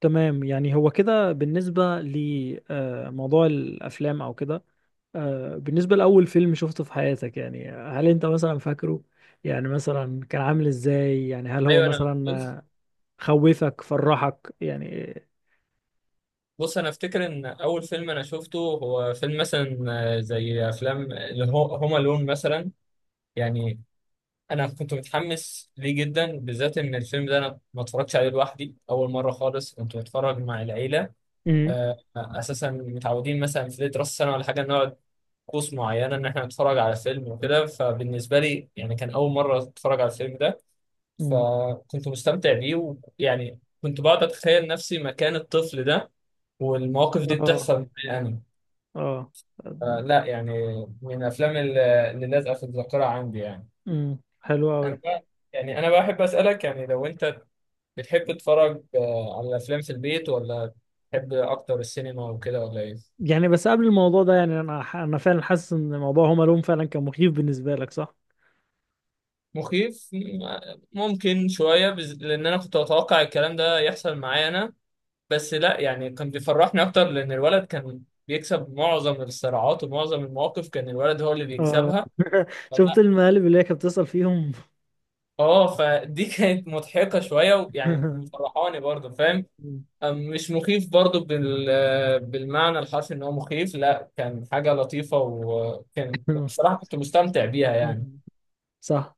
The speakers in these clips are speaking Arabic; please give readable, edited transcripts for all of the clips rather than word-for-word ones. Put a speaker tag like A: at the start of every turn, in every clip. A: تمام، يعني هو كده بالنسبة لموضوع الأفلام أو كده. بالنسبة لأول فيلم شفته في حياتك، يعني هل أنت مثلا فاكره؟ يعني مثلا كان عامل إزاي؟ يعني هل هو
B: ايوه انا
A: مثلا
B: بص.
A: آه، خوفك فرحك يعني؟
B: بص، انا افتكر ان اول فيلم انا شفته هو فيلم مثلا زي افلام اللي هو هوم الون مثلا. يعني انا كنت متحمس ليه جدا، بالذات ان الفيلم ده انا ما اتفرجتش عليه لوحدي، اول مره خالص كنت بتفرج مع العيله.
A: امم.
B: اساسا متعودين مثلا في راس السنه ولا حاجه نقعد طقوس معينه ان احنا نتفرج على فيلم وكده، فبالنسبه لي يعني كان اول مره اتفرج على الفيلم ده،
A: امم.
B: فكنت مستمتع بيه. ويعني كنت بقعد اتخيل نفسي مكان الطفل ده والمواقف دي
A: آه.
B: بتحصل معايا انا.
A: آه.
B: آه لا، يعني من الافلام اللي لازقه في الذاكره عندي يعني.
A: أمم، حلو
B: انا
A: أوي.
B: بقى يعني انا بحب اسالك، يعني لو انت بتحب تتفرج آه على الافلام في البيت، ولا بتحب اكتر السينما وكده، ولا ايه؟
A: يعني بس قبل الموضوع ده، يعني انا فعلا حاسس ان موضوع هوم الون فعلا كان مخيف بالنسبه لك، صح؟
B: مخيف، ممكن شويه لان انا كنت اتوقع الكلام ده يحصل معايا انا، بس لا يعني كان بيفرحني اكتر، لان الولد كان بيكسب معظم الصراعات ومعظم المواقف كان الولد هو اللي
A: اه.
B: بيكسبها.
A: شفت المقالب اللي هي كانت بتسأل فيهم؟
B: اه فدي كانت مضحكة شوية ويعني مفرحاني برضه، فاهم؟ مش مخيف برضه بالمعنى الحرفي ان هو مخيف، لا كان حاجة لطيفة وكان بصراحة كنت مستمتع بيها يعني.
A: صح.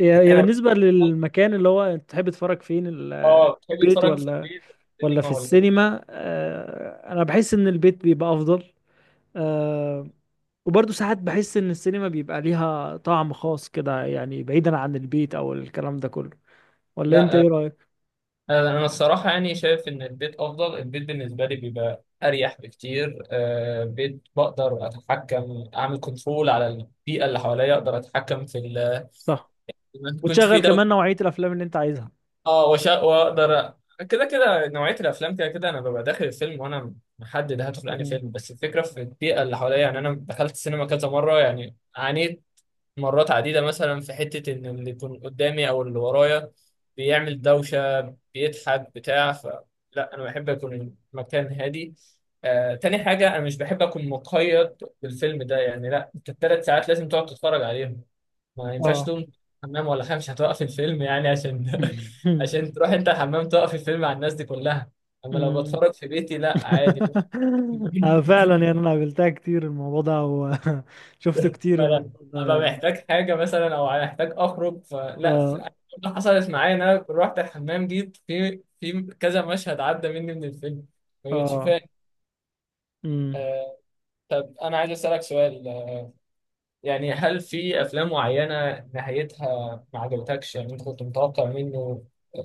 A: يا يا
B: انا
A: بالنسبه للمكان اللي هو، انت تحب تتفرج فين؟
B: اه، بتحب
A: البيت
B: تتفرج في
A: ولا
B: البيت
A: ولا
B: سينما
A: في
B: ولا إيه؟
A: السينما؟ انا بحس ان البيت بيبقى افضل. آه وبرضه ساعات بحس ان السينما بيبقى ليها طعم خاص كده، يعني بعيدا عن البيت او الكلام ده كله. ولا انت
B: لا
A: ايه رأيك؟
B: انا الصراحة يعني شايف ان البيت افضل. البيت بالنسبة لي بيبقى اريح بكتير، بيت بقدر اتحكم، اعمل كنترول على البيئة اللي حواليا، اقدر اتحكم
A: صح.
B: ما تكونش فيه.
A: وتشغل كمان نوعية الافلام اللي انت عايزها.
B: اه واقدر كده كده نوعيه الافلام كده كده انا ببقى داخل الفيلم وانا محدد هدخل انهي
A: مم.
B: فيلم، بس الفكره في البيئه اللي حواليا. يعني انا دخلت السينما كذا مره، يعني عانيت مرات عديده مثلا في حته ان اللي يكون قدامي او اللي ورايا بيعمل دوشه، بيضحك، بتاع فلا. انا بحب اكون المكان هادي. تاني حاجة، أنا مش بحب أكون مقيد بالفيلم ده، يعني لا أنت التلات ساعات لازم تقعد تتفرج عليهم. ما ينفعش
A: اه.
B: تقوم حمام ولا حاجة، مش هتوقف الفيلم يعني عشان عشان تروح انت الحمام توقف الفيلم على الناس دي كلها. اما لو
A: مم.
B: بتفرج في بيتي، لا عادي ممكن.
A: فعلا، يعني انا قابلتها كتير الموضوع ده، وشفته كتير
B: فانا
A: الموضوع ده
B: ابقى
A: يعني.
B: محتاج حاجة مثلا او محتاج اخرج فلا،
A: اه
B: ده حصلت معايا ان انا رحت الحمام، جيت في كذا مشهد عدى مني من الفيلم، ما كنتش
A: اه.
B: فاهم.
A: مم.
B: آه، طب انا عايز اسالك سؤال، يعني هل في افلام معينه نهايتها ما عجبتكش؟ يعني انت كنت متوقع منه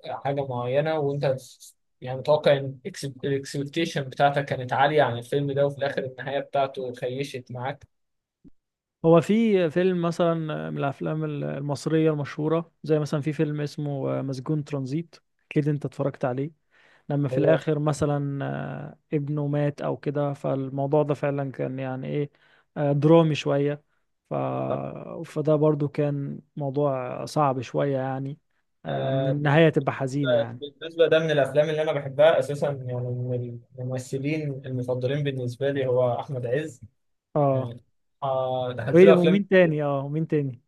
B: حاجه معينه وانت يعني متوقع ان الاكسبكتيشن بتاعتك كانت عاليه عن الفيلم ده، وفي الاخر النهايه بتاعته خيشت معاك.
A: هو في فيلم مثلا من الافلام المصرية المشهورة، زي مثلا في فيلم اسمه مسجون ترانزيت. اكيد انت اتفرجت عليه. لما في
B: هو
A: الاخر مثلا ابنه مات او كده، فالموضوع ده فعلا كان يعني ايه درامي شوية. ف...
B: طب
A: فده برضو كان موضوع صعب شوية يعني، ان
B: آه، بالنسبه
A: النهاية تبقى حزينة يعني.
B: بالنسبة ده من الافلام اللي انا بحبها اساسا، يعني من الممثلين المفضلين بالنسبه لي هو احمد عز
A: اه.
B: يعني. دخلت
A: وايه ده؟
B: له افلام.
A: ومين تاني اه ومين تاني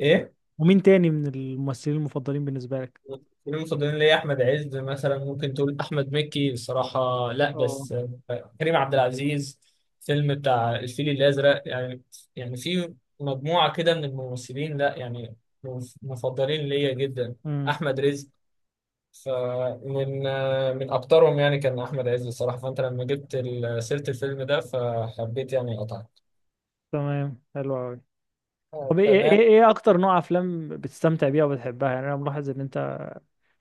B: ايه؟
A: ومين تاني من الممثلين المفضلين بالنسبة لك؟
B: المفضلين، المفضلين ليا احمد عز مثلا، ممكن تقول احمد مكي بصراحه، لا
A: اه.
B: بس كريم عبد العزيز، فيلم بتاع الفيل الازرق يعني. يعني في مجموعه كده من الممثلين، لا يعني مفضلين ليا جدا.
A: امم.
B: احمد رزق، فمن آه، من اكترهم يعني كان احمد عز بصراحه. فانت لما جبت سيره الفيلم ده فحبيت يعني اقطعك.
A: تمام، حلو أوي. طب ايه ايه
B: تمام.
A: ايه اكتر نوع افلام بتستمتع بيها وبتحبها؟ يعني انا ملاحظ ان انت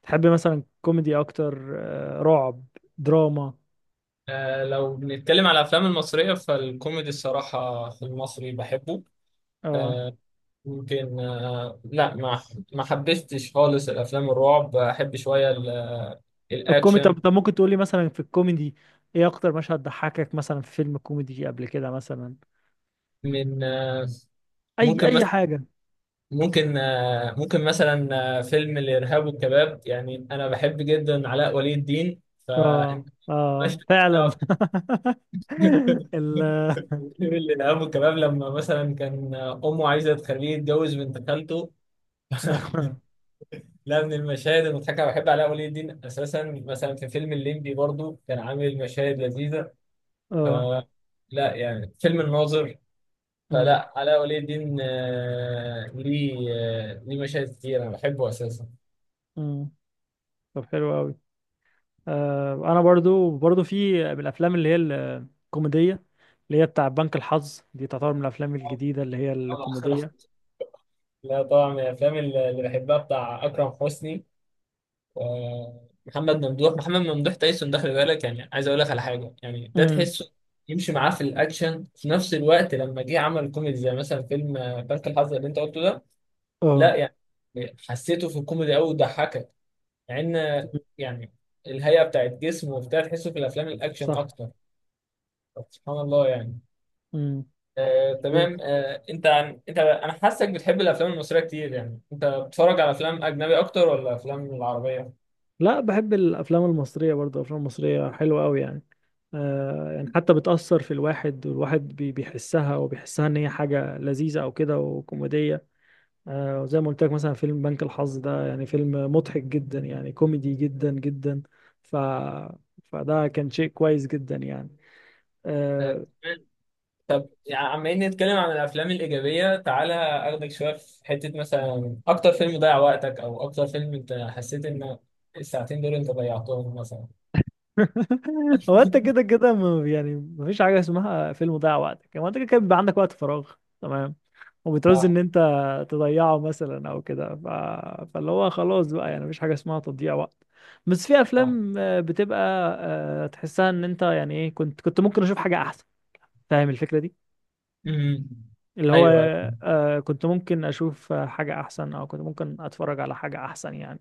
A: تحب مثلا كوميدي اكتر رعب، دراما.
B: لو بنتكلم على الافلام المصريه فالكوميدي الصراحه في المصري بحبه.
A: اه.
B: آه، يمكن آه، لا ما ما حبستش خالص. الافلام الرعب احب شويه
A: الكوميدي.
B: الاكشن.
A: طب ممكن تقول لي مثلا في الكوميدي، ايه اكتر مشهد ضحكك مثلا في فيلم كوميدي قبل كده مثلا؟
B: من آه،
A: اي
B: ممكن
A: اي
B: مثلا
A: حاجة.
B: ممكن آه، ممكن مثلا آه، فيلم الارهاب والكباب، يعني انا بحب جدا علاء ولي الدين.
A: اه
B: فانت مش
A: اه فعلا.
B: هتعرف.
A: ال
B: فيلم الارهاب والكباب لما مثلا كان امه عايزه تخليه يتجوز بنت خالته. لا من المشاهد المضحكه، بحب علاء ولي الدين اساسا. مثلا في فيلم الليمبي برضو كان عامل مشاهد لذيذه.
A: اه.
B: لا يعني فيلم الناظر،
A: أمم.
B: فلا علاء ولي الدين ليه مشاهد كتير انا بحبه اساسا.
A: أمم. طب، حلو قوي. انا برضو في من الافلام اللي هي الكوميديه، اللي هي بتاع بنك الحظ دي تعتبر من الافلام
B: آه،
A: الجديده اللي هي
B: طبعا.
A: الكوميديه.
B: لا طبعا من الافلام اللي بحبها بتاع اكرم حسني ومحمد ممدوح. محمد ممدوح تايسون ده خلي بالك، يعني عايز اقول لك على حاجه، يعني ده
A: امم.
B: تحسه يمشي معاه في الاكشن، في نفس الوقت لما جه عمل كوميدي زي مثلا فيلم بنك الحظ اللي انت قلته ده،
A: اه.
B: لا يعني حسيته في الكوميدي قوي وضحكك، مع ان
A: مم.
B: يعني الهيئه بتاعت جسمه وبتاع تحسه في الافلام الاكشن
A: صح.
B: اكتر. طب سبحان الله يعني.
A: امم. مظبوط.
B: انت انت انا حاسك بتحب الافلام المصريه كتير، يعني انت بتتفرج على افلام اجنبي اكتر ولا افلام العربيه؟
A: لا، بحب الافلام المصريه برضو. الافلام المصريه حلوه قوي يعني. يعني حتى بتاثر في الواحد، والواحد بيحسها وبيحسها ان هي حاجه لذيذه او كده وكوميديه. زي ما قلت لك مثلا فيلم بنك الحظ ده يعني فيلم مضحك جدا، يعني كوميدي جدا جدا. ف فده كان شيء كويس جدا يعني
B: آه،
A: آه،
B: تمام. طب يعني عم نتكلم عن الافلام الايجابيه، تعالى اخدك شويه في حته مثلا اكتر فيلم ضيع وقتك، او اكتر فيلم انت حسيت ان الساعتين دول انت ضيعتهم مثلا.
A: هو انت كده كده، يعني مفيش حاجه اسمها فيلم ضيع وقتك. هو انت كده كده بيبقى عندك وقت فراغ، تمام، وبتعوز
B: صح.
A: ان انت تضيعه مثلا او كده. فاللي هو خلاص بقى، يعني مفيش حاجه اسمها تضييع وقت. بس في
B: صح.
A: افلام بتبقى تحسها ان انت، يعني ايه، كنت ممكن اشوف حاجه احسن. فاهم الفكره دي؟
B: امم.
A: اللي هو
B: ايوه. أيوة.
A: كنت ممكن اشوف حاجة احسن، او كنت ممكن اتفرج على حاجة احسن يعني.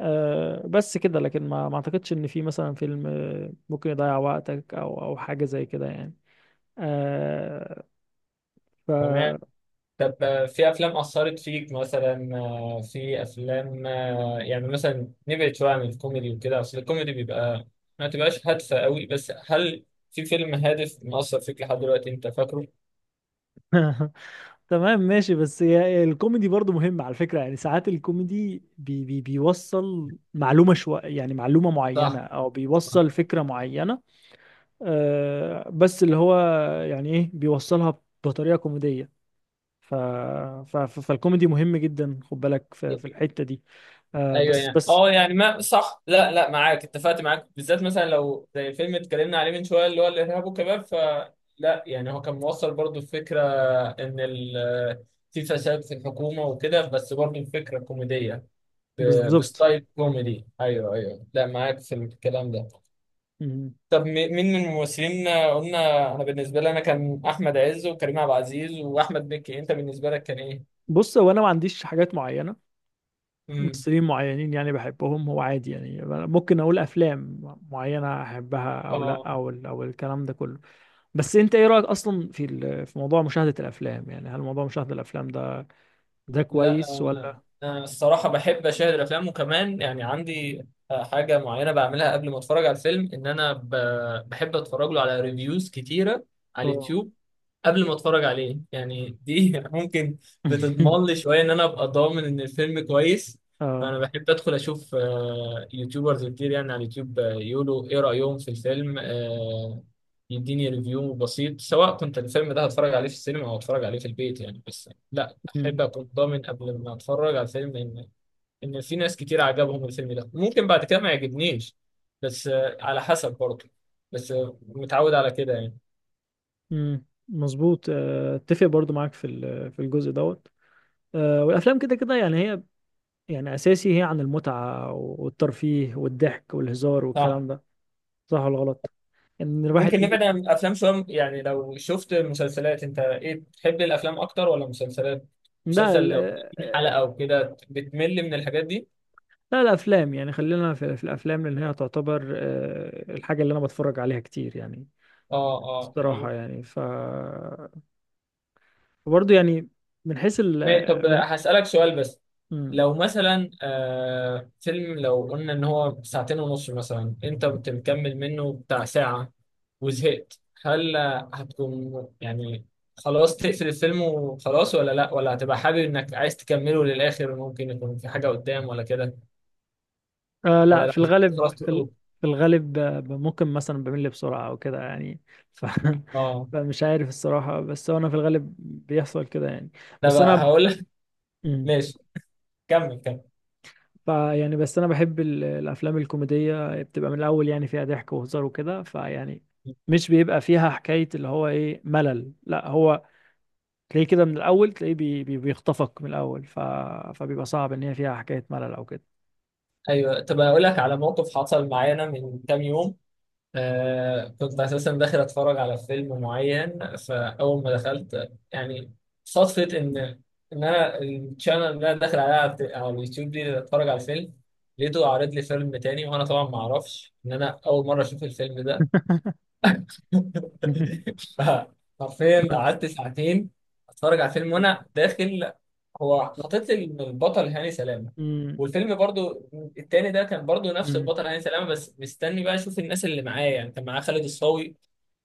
A: آه بس كده. لكن ما اعتقدش ان في مثلا فيلم ممكن يضيع وقتك او حاجة زي كده يعني. آه ف
B: تمام. طب في افلام اثرت فيك مثلا، آه، في افلام آه، يعني مثلا نبعد شويه عن الكوميدي وكده، اصل الكوميدي بيبقى ما تبقاش هادفه قوي، بس هل في فيلم هادف مأثر فيك لحد دلوقتي انت فاكره؟
A: تمام ماشي. بس هي الكوميدي برضو مهم على فكرة، يعني ساعات الكوميدي بي بيوصل معلومة شوية، يعني معلومة معينة
B: صح.
A: او
B: صح.
A: بيوصل فكرة معينة. بس اللي هو، يعني ايه، بيوصلها بطريقة كوميدية. ف... فالكوميدي مهم جدا. خد بالك في الحتة دي. آه
B: ايوه
A: بس
B: يعني
A: بس
B: اه، يعني ما صح، لا لا معاك، اتفقت معاك، بالذات مثلا لو زي فيلم اتكلمنا عليه من شويه اللي هو الارهاب والكباب، فلا يعني هو كان موصل برضو الفكره ان في فساد في الحكومه وكده، بس برضو الفكره كوميديه
A: بالظبط.
B: بستايل كوميدي. ايوه ايوه، لا معاك في الكلام ده.
A: مم.
B: طب مين من الممثلين قلنا؟ انا بالنسبه لي انا كان احمد عز وكريم عبد العزيز واحمد مكي، انت بالنسبه لك كان ايه؟
A: بص، هو انا ما عنديش حاجات معينة،
B: امم.
A: ممثلين معينين يعني بحبهم، هو عادي. يعني أنا ممكن اقول افلام معينة احبها او لا،
B: اه
A: او الكلام ده كله. بس انت ايه رأيك اصلا في في موضوع مشاهدة الافلام؟ يعني هل موضوع مشاهدة الافلام ده
B: لا
A: كويس
B: انا،
A: ولا؟
B: أنا الصراحه بحب اشاهد الافلام، وكمان يعني عندي حاجه معينه بعملها قبل ما اتفرج على الفيلم، ان انا بحب اتفرج له على ريفيوز كتيره على
A: اه.
B: اليوتيوب قبل ما اتفرج عليه يعني. دي ممكن بتضمن لي شويه ان انا ابقى ضامن ان الفيلم كويس.
A: اه.
B: فانا بحب ادخل اشوف يوتيوبرز كتير يعني على اليوتيوب، يقولوا ايه رايهم في الفيلم، يديني ريفيو بسيط، سواء كنت الفيلم ده هتفرج عليه في السينما او هتفرج عليه في البيت يعني. بس لا
A: مم.
B: احب اكون ضامن قبل ما اتفرج على الفيلم ان في ناس كتير عجبهم الفيلم ده، ممكن بعد كده ما يعجبنيش. بس على حسب برضه، بس متعود على كده يعني.
A: مم. مظبوط. اتفق برضو معاك في في الجزء دوت. والافلام كده كده يعني، هي يعني اساسي هي عن المتعه والترفيه والضحك والهزار
B: صح.
A: والكلام ده. صح ولا غلط؟ ان الواحد
B: ممكن
A: ي-
B: نبعد عن الافلام شويه، يعني لو شفت مسلسلات، انت ايه بتحب الافلام اكتر ولا مسلسلات؟
A: ده
B: مسلسل
A: ال-
B: لو 30 حلقه
A: آه،
B: او كده بتمل من الحاجات دي؟
A: لا، الافلام يعني، خلينا في الافلام، لان هي تعتبر الحاجه اللي انا بتفرج عليها كتير يعني،
B: اه اه
A: الصراحه
B: يعني.
A: يعني. ف برضه يعني من حيث ال
B: طب
A: من...
B: هسألك سؤال بس،
A: مم.
B: لو مثلا آه فيلم لو قلنا ان هو ساعتين ونص مثلا، انت بتكمل منه بتاع ساعه وزهقت، هل هتكون يعني خلاص تقفل الفيلم وخلاص، ولا لا، ولا هتبقى حابب انك عايز تكمله للاخر، ممكن يكون في حاجه قدام ولا كده،
A: لا،
B: ولا لو
A: في الغالب
B: خلاص
A: في
B: تخرج؟
A: في الغالب ممكن مثلا بمل بسرعة أو كده يعني. ف...
B: اه
A: فمش عارف الصراحة، بس هو أنا في الغالب بيحصل كده يعني.
B: انا
A: بس
B: بقى
A: أنا.
B: هقول لك.
A: مم.
B: ماشي، كمل كمل.
A: يعني بس أنا بحب الأفلام الكوميدية بتبقى من الأول، يعني فيها ضحك وهزار وكده، فيعني مش بيبقى فيها حكاية اللي هو إيه، ملل، لا. هو تلاقيه كده من الأول، تلاقيه بيخطفك من الأول. فبيبقى صعب إن هي فيها حكاية ملل أو كده.
B: ايوه، طب اقول لك على موقف حصل معانا من كام يوم. آه كنت اساسا داخل اتفرج على فيلم معين، فاول ما دخلت يعني صدفه ان انا الشانل اللي انا داخل عليها على على اليوتيوب دي اللي اتفرج على الفيلم، لقيته عارض لي فيلم تاني، وانا طبعا ما اعرفش ان انا اول مره اشوف الفيلم ده. فحرفيا قعدت ساعتين اتفرج على الفيلم، وانا داخل هو حاطط لي إن البطل هاني سلامه،
A: مم.
B: والفيلم برضو التاني ده كان برضو نفس
A: مم.
B: البطل هاني سلامه. بس مستني بقى اشوف الناس اللي معايا، يعني كان معاه خالد الصاوي،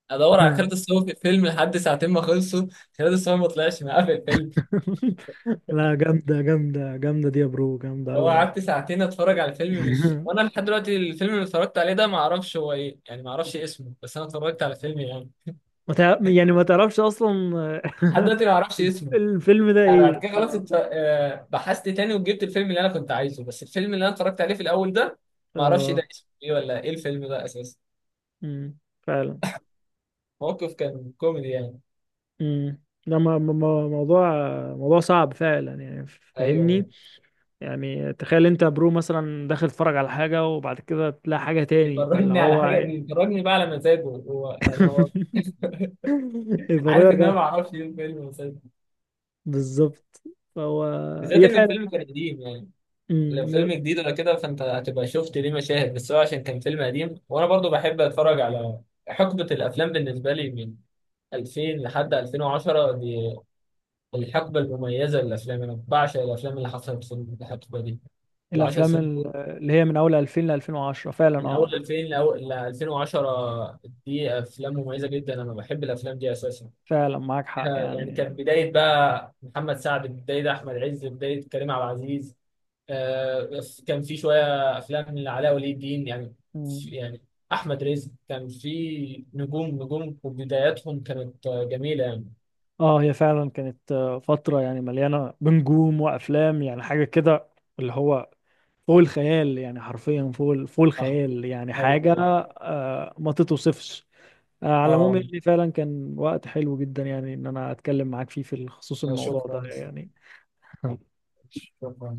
B: ادور على خالد الصاوي في الفيلم لحد ساعتين ما خلصوا، خالد الصاوي ما طلعش معاه في الفيلم.
A: لا، جامدة جامدة جامدة دي يا برو، جامدة
B: فهو
A: أوي يعني.
B: قعدت ساعتين اتفرج على الفيلم، مش وانا لحد دلوقتي الفيلم اللي اتفرجت عليه ده ما اعرفش هو ايه، يعني ما اعرفش اسمه، بس انا اتفرجت على الفيلم يعني.
A: ما تع... يعني ما تعرفش أصلا.
B: لحد دلوقتي ما اعرفش اسمه.
A: الفيلم ده
B: انا
A: إيه؟
B: بعد كده خلاص
A: اه.
B: انت، بحثت تاني وجبت الفيلم اللي انا كنت عايزه، بس الفيلم اللي انا اتفرجت عليه في الاول ده ما اعرفش
A: اه.
B: ده اسمه ايه ولا ايه الفيلم ده اساسا.
A: أمم، فعلا.
B: موقف كان كوميدي يعني.
A: أمم. ده موضوع صعب فعلا يعني.
B: ايوه،
A: فاهمني. يعني تخيل انت يا برو مثلا داخل تتفرج على حاجة وبعد كده تلاقي حاجة تاني. فاللي
B: بيفرجني على حاجه،
A: هو
B: بيفرجني بقى على مزاجه هو، يعني هو عارف ان انا
A: يفرجك.
B: ما اعرفش ايه الفيلم أساساً.
A: بالظبط. فهو.
B: بالذات
A: هي
B: ان الفيلم كان قديم يعني، لو فيلم
A: فعلا
B: جديد ولا كده فانت هتبقى شفت ليه مشاهد، بس هو عشان كان فيلم قديم. وانا برضو بحب اتفرج على حقبه الافلام بالنسبه لي من 2000 لحد 2010، دي الحقبة المميزة للأفلام، أنا بعشق الأفلام اللي حصلت في الحقبة دي. العشر
A: الافلام
B: سنين دول،
A: اللي هي من اول 2000 ل 2010 فعلا،
B: من
A: اه
B: أول 2000 لأول ل 2010، دي أفلام مميزة جدا، أنا بحب الأفلام دي أساسا.
A: فعلا معاك حق
B: يعني
A: يعني.
B: كانت بداية بقى محمد سعد، بداية أحمد عز، بداية كريم عبد العزيز، كان في شوية أفلام لعلاء ولي الدين يعني.
A: مم.
B: يعني أحمد رزق كان في نجوم وبداياتهم كانت جميلة يعني.
A: اه، هي فعلا كانت فترة يعني مليانة بنجوم وافلام، يعني حاجة كده اللي هو فوق الخيال، يعني حرفيا فوق فوق
B: أه
A: الخيال، يعني
B: أيوه
A: حاجة
B: أيوه.
A: ما تتوصفش. على العموم
B: أه
A: يعني فعلا كان وقت حلو جدا، يعني ان انا اتكلم معاك فيه في خصوص الموضوع ده
B: شكرا.
A: يعني.
B: شكرا.